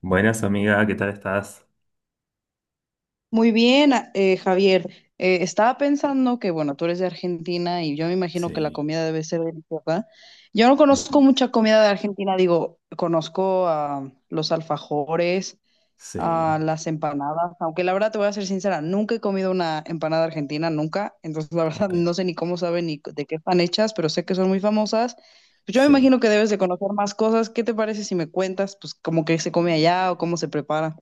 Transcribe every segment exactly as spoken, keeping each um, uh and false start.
Buenas, amiga, ¿qué tal estás? Muy bien, a- eh, Javier. Eh, estaba pensando que, bueno, tú eres de Argentina y yo me imagino que la Sí, comida debe ser deliciosa. Yo no ujú, conozco mucha comida de Argentina, digo, conozco a los alfajores, sí, a las empanadas, aunque la verdad te voy a ser sincera, nunca he comido una empanada argentina, nunca. Entonces, la verdad, ok, no sé ni cómo saben ni de qué están hechas, pero sé que son muy famosas. Pues yo me sí. imagino que debes de conocer más cosas. ¿Qué te parece si me cuentas, pues, cómo que se come allá o cómo se prepara?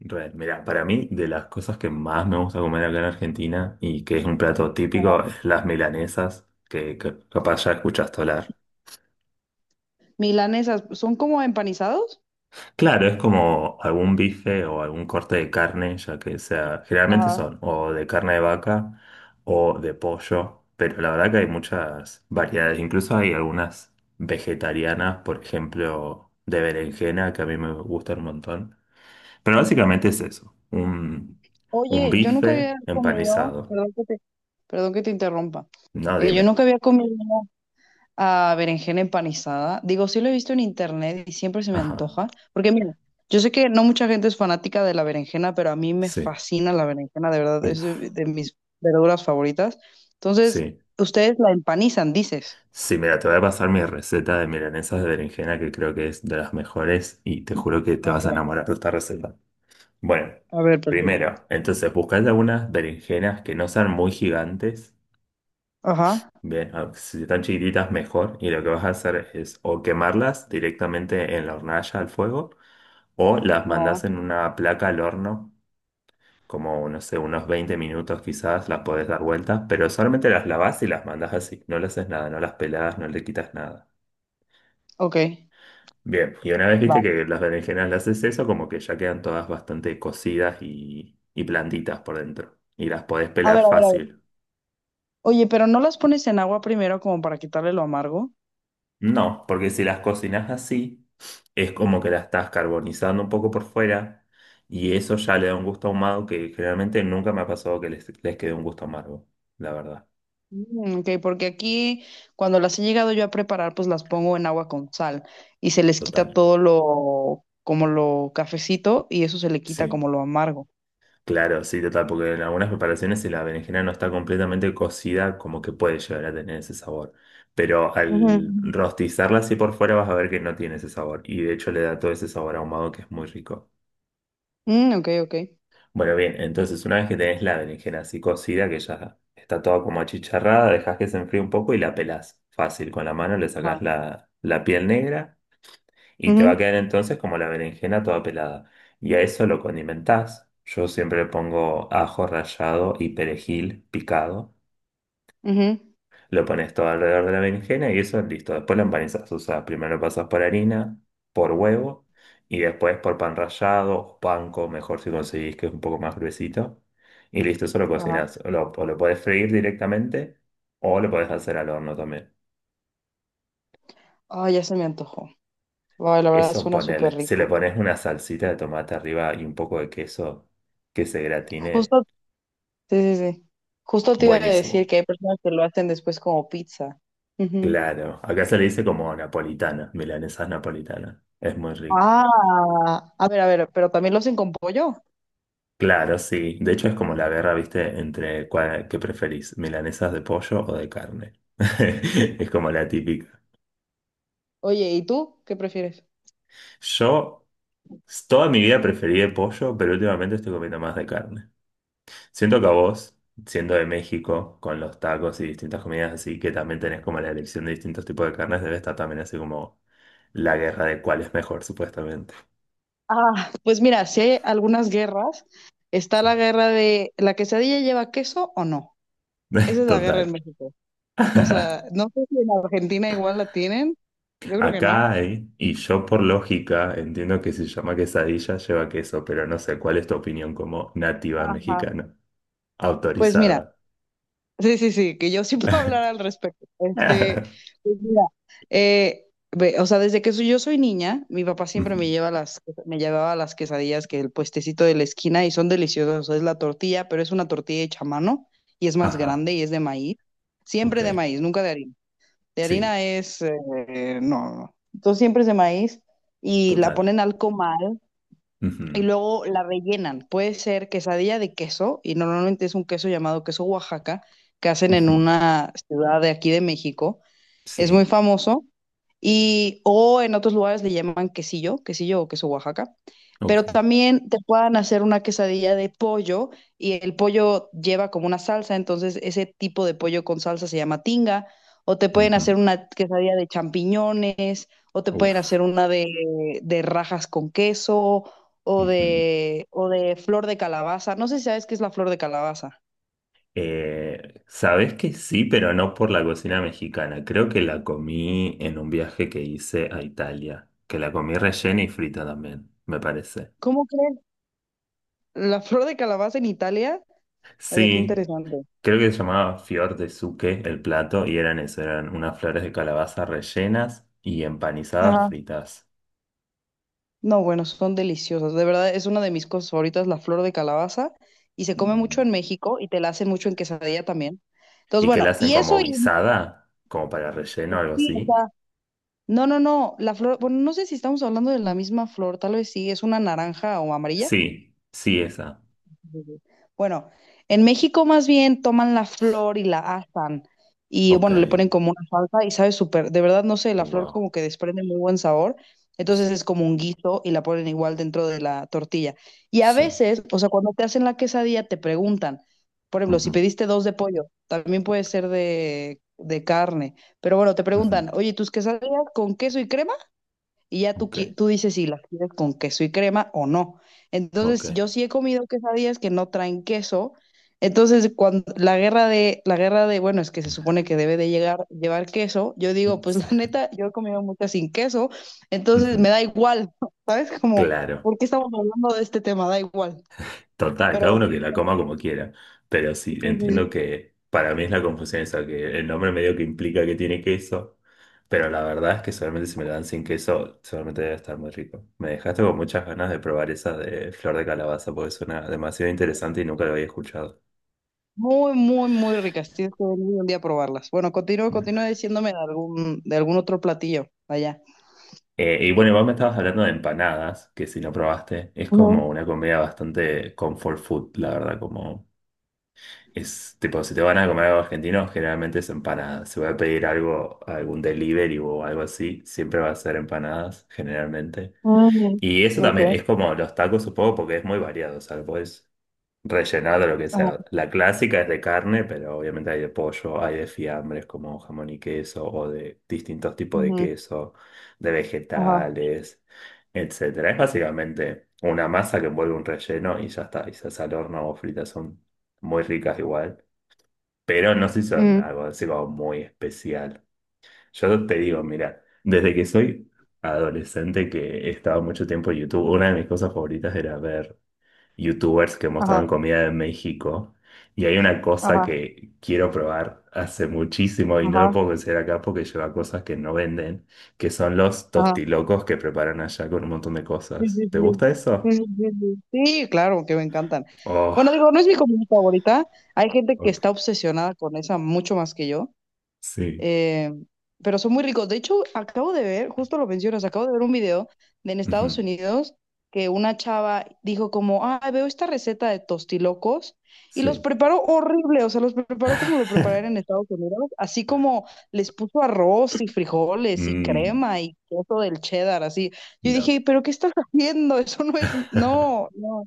Real. Mira, para mí, de las cosas que más me gusta comer acá en Argentina y que es un plato típico, es las milanesas, que, que capaz ya escuchaste hablar. Milanesas, ¿son como empanizados? Claro, es como algún bife o algún corte de carne, ya que sea, generalmente Ajá. son o de carne de vaca o de pollo, pero la verdad que hay muchas variedades, incluso hay algunas vegetarianas, por ejemplo, de berenjena, que a mí me gustan un montón. Pero básicamente es eso, un, un Oye, yo nunca bife había comido, empanizado. perdón que te, perdón que te interrumpa. No, Eh, yo dime. nunca había comido a berenjena empanizada. Digo, sí lo he visto en internet y siempre se me Ajá, antoja. Porque mira, yo sé que no mucha gente es fanática de la berenjena, pero a mí me sí, fascina la berenjena, de verdad, es de uf, de mis verduras favoritas. Entonces, sí. ustedes la empanizan, dices. Sí, mira, te voy a pasar mi receta de milanesas de berenjena que creo que es de las mejores y te juro que te A vas ver, a va. enamorar de esta receta. Bueno, A ver, perfecto. primero, entonces buscás algunas berenjenas que no sean muy gigantes, Ajá. bien, a- si están chiquititas mejor y lo que vas a hacer es o quemarlas directamente en la hornalla al fuego o las mandas Ah, en una placa al horno, como no sé, unos veinte minutos quizás las podés dar vueltas, pero solamente las lavas y las mandas así, no le haces nada, no las peladas no le quitas nada. ok. Bien, y una vez viste Va. que las berenjenas las haces eso, como que ya quedan todas bastante cocidas y, y blanditas por dentro. Y las podés A pelar ver, a ver, a ver. fácil. Oye, pero ¿no las pones en agua primero como para quitarle lo amargo? No, porque si las cocinas así, es como que las estás carbonizando un poco por fuera y eso ya le da un gusto ahumado que generalmente nunca me ha pasado que les, les quede un gusto amargo, la verdad. Mm, ok, porque aquí cuando las he llegado yo a preparar, pues las pongo en agua con sal y se les quita Total. todo lo, como lo cafecito y eso se le quita Sí. como lo amargo. Claro, sí, total, porque en algunas preparaciones si la berenjena no está completamente cocida, como que puede llegar a tener ese sabor. Pero Ujú. al rostizarla así por fuera vas a ver que no tiene ese sabor. Y de hecho le da todo ese sabor ahumado que es muy rico. Mm, ok, ok. Bueno, bien, entonces una vez que tenés la berenjena así cocida, que ya está toda como achicharrada, dejás que se enfríe un poco y la pelás. Fácil, con la mano le Ajá. sacás la, la piel negra. Y te va Ujú, a quedar entonces como la berenjena toda pelada. Y a eso lo condimentás. Yo siempre le pongo ajo rallado y perejil picado. ujú, Lo pones todo alrededor de la berenjena y eso listo. Después lo empanizás. O sea, primero lo pasas por harina, por huevo y después por pan rallado o panko, mejor si conseguís que es un poco más gruesito. Y listo, eso lo ajá. cocinás. O lo, o lo podés freír directamente o lo podés hacer al horno también. Ay, ya se me antojó. Ay, la verdad Eso suena ponele. súper Si le rico. pones una salsita de tomate arriba y un poco de queso que se gratine, Justo, sí, sí, sí. Justo te iba a decir buenísimo. que hay personas que lo hacen después como pizza. Claro, acá se le dice como napolitana, milanesas napolitanas. Es muy rico. Ah, a ver, a ver, pero también lo hacen con pollo. Claro, sí. De hecho es como la guerra, ¿viste? Entre cuál, qué preferís, milanesas de pollo o de carne. Es como la típica. Oye, ¿y tú qué prefieres? Yo s- toda mi vida preferí de pollo, pero últimamente estoy comiendo más de carne. Siento que a vos, siendo de México, con los tacos y distintas comidas así, que también tenés como la elección de distintos tipos de carnes, debe estar también así como la guerra de cuál es mejor, supuestamente. Ah, pues mira, si hay algunas guerras, está Sí. la guerra de ¿la quesadilla lleva queso o no? Esa es la guerra Total. en México. O sea, no sé si en Argentina igual la tienen. Yo creo que Acá no. hay, y yo por lógica entiendo que si se llama quesadilla lleva queso, pero no sé cuál es tu opinión como nativa Ajá. mexicana, Pues mira. autorizada. Sí, sí, sí, que yo sí puedo hablar al respecto. Este, pues mira, eh, ve, o sea, desde que soy- yo soy niña, mi papá siempre Ujú. me lleva las, me llevaba las quesadillas que el puestecito de la esquina y son deliciosas. O sea, es la tortilla, pero es una tortilla hecha a mano y es más Ajá, grande y es de maíz. ok. Siempre de maíz, nunca de harina. De Sí, harina es, eh, no, no. no. Entonces siempre es de maíz y la total. ponen al comal y Ujú, luego la rellenan. Puede ser quesadilla de queso, y normalmente es un queso llamado queso Oaxaca, que hacen en ujú, una ciudad de aquí de México, es muy sí, famoso. Y, o en otros lugares le llaman quesillo, quesillo o queso Oaxaca. ok. Pero también te puedan hacer una quesadilla de pollo y el pollo lleva como una salsa, entonces ese tipo de pollo con salsa se llama tinga. O te pueden Ujú. hacer una quesadilla de champiñones, o te pueden Uf. hacer una de, de rajas con queso, o Ujú. de, o de flor de calabaza. No sé si sabes qué es la flor de calabaza. Eh, sabes que sí, pero no por la cocina mexicana. Creo que la comí en un viaje que hice a Italia, que la comí rellena y frita también, me parece. ¿Cómo crees? La flor de calabaza en Italia. Vaya, qué Sí, interesante. creo que se llamaba fior de suque el plato y eran eso, eran unas flores de calabaza rellenas y empanizadas Ajá. fritas. No, bueno, son deliciosas. De verdad, es una de mis cosas favoritas, la flor de calabaza. Y se come mucho Mm. en México y te la hacen mucho en quesadilla también. Entonces, ¿Y que la bueno, hacen y como eso y guisada? ¿Como para relleno o algo sí, o así? sea, no, no, no, la flor, bueno, no sé si estamos hablando de la misma flor, tal vez sí, es una naranja o amarilla. Sí, sí, esa. Sí. Bueno, en México más bien toman la flor y la asan y Ok. bueno, le ponen como una salsa y sabe súper, de verdad no sé, la flor Wow. como que desprende muy buen sabor, S- entonces es como un guiso y la ponen igual dentro de la tortilla. Y a s- veces, o sea, cuando te hacen la quesadilla te preguntan, por ejemplo, si ujú, pediste dos de pollo, también puede ser de, de carne, pero bueno, te ujú. preguntan, oye, ¿tus quesadillas con queso y crema y ya tú, Ok, qui- tú dices si las quieres con queso y crema o no? ok. Entonces, yo sí he comido quesadillas que no traen queso. Entonces, cuando la guerra de, la guerra de, bueno, es que se supone que debe de llegar, llevar queso, yo digo, pues la Sí. neta, yo he comido muchas sin queso, Ujú, entonces me da igual, ¿sabes? Como, claro, ¿por qué estamos hablando de este tema? Da igual. total, cada Pero uno que la coma como quiera, pero sí, sí, sí, entiendo sí. que para mí es la confusión esa, que el nombre medio que implica que tiene queso, pero la verdad es que solamente si me lo dan sin queso, seguramente debe estar muy rico. Me dejaste con muchas ganas de probar esa de flor de calabaza, porque suena demasiado interesante y nunca lo había escuchado. Muy, muy, muy ricas. Tienes que venir un día a probarlas. Bueno, continúa, continúa diciéndome de algún, de algún otro platillo allá. Eh, y bueno, vos me estabas hablando de empanadas, que si no probaste, es Ujú. como una comida bastante comfort food, la verdad, como es tipo, si te van a comer algo argentino, generalmente es empanada. Si voy a pedir algo, algún delivery o algo así, siempre va a ser empanadas, generalmente. Mm, Y eso ok. también es como los tacos, supongo, porque es muy variado. O sea, lo puedes rellenar de lo que sea. La clásica es de carne, pero obviamente hay de pollo, hay de fiambres como jamón y queso, o de distintos tipos de Ujú, queso, de ajá, vegetales, etcétera. Es básicamente una masa que envuelve un relleno y ya está. Y se hace al horno o fritas, son muy ricas igual pero no se hizo mm, algo así como muy especial. Yo te digo, mira, desde que soy adolescente que he estado mucho tiempo en YouTube, una de mis cosas favoritas era ver YouTubers que mostraban ajá, comida de México. Y hay una cosa ajá, que quiero probar hace muchísimo y no lo ajá, puedo conseguir acá porque lleva cosas que no venden, que son los ajá. tostilocos que preparan allá con un montón de Sí, cosas. sí, ¿Te sí. gusta Sí, eso? sí, sí, sí. Sí, claro, que me encantan. Oh, Bueno, digo, no es mi comida favorita. Hay gente que está ok. obsesionada con esa mucho más que yo. Sí. Eh, pero son muy ricos. De hecho, acabo de ver, justo lo mencionas, acabo de ver un video de en Estados Ujú. Unidos que una chava dijo como, ah, veo esta receta de tostilocos y los Sí. preparó horrible, o sea, los preparó como lo prepararon en Estados Unidos, así como les puso arroz y frijoles y Mm, crema y queso del cheddar, así. Yo no. dije, pero ¿qué estás haciendo? Eso no es, no, no,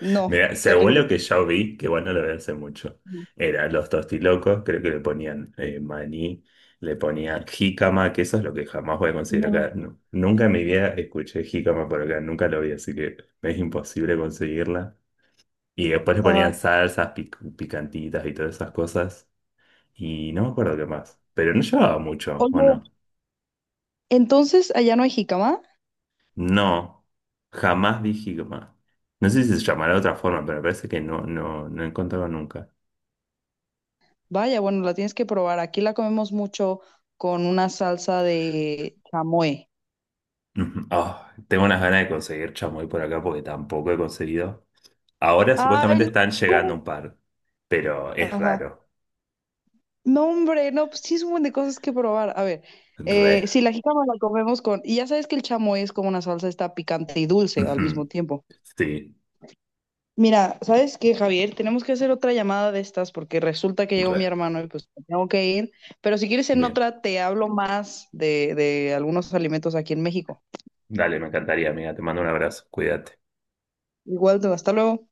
no, Mira, según lo terrible. que yo vi, que bueno, lo vi hace mucho, Ujú. eran los tostilocos, creo que le ponían eh, maní, le ponían jícama, que eso es lo que jamás voy a conseguir Ujú. acá. Nu- nunca en mi vida escuché jícama por acá, nunca lo vi, así que es imposible conseguirla. Y después le ponían Ajá. salsas pic- picantitas y todas esas cosas, y no me acuerdo qué más, pero no llevaba mucho, ¿o Oye, no? entonces, ¿allá no hay jicama? No, jamás vi jícama. No sé si se llamará de otra forma, pero me parece que no, no, no he encontrado. Vaya, bueno, la tienes que probar. Aquí la comemos mucho con una salsa de chamoy. Ujú. Ah, tengo unas ganas de conseguir chamoy por acá porque tampoco he conseguido. Ahora Ay, supuestamente no. están llegando un par, pero es Ajá. raro. No, hombre, no, pues sí es un montón de cosas que probar. A ver, Re. eh, si la jícama la comemos con... Y ya sabes que el chamoy es como una salsa, está picante y dulce al mismo Ujú. tiempo. Sí, Mira, ¿sabes qué, Javier? Tenemos que hacer otra llamada de estas porque resulta que llegó mi re. hermano y pues tengo que ir. Pero si quieres en Bien. otra, te hablo más de, de algunos alimentos aquí en México. Dale, me encantaría, amiga. Te mando un abrazo. Cuídate. Igual, hasta luego.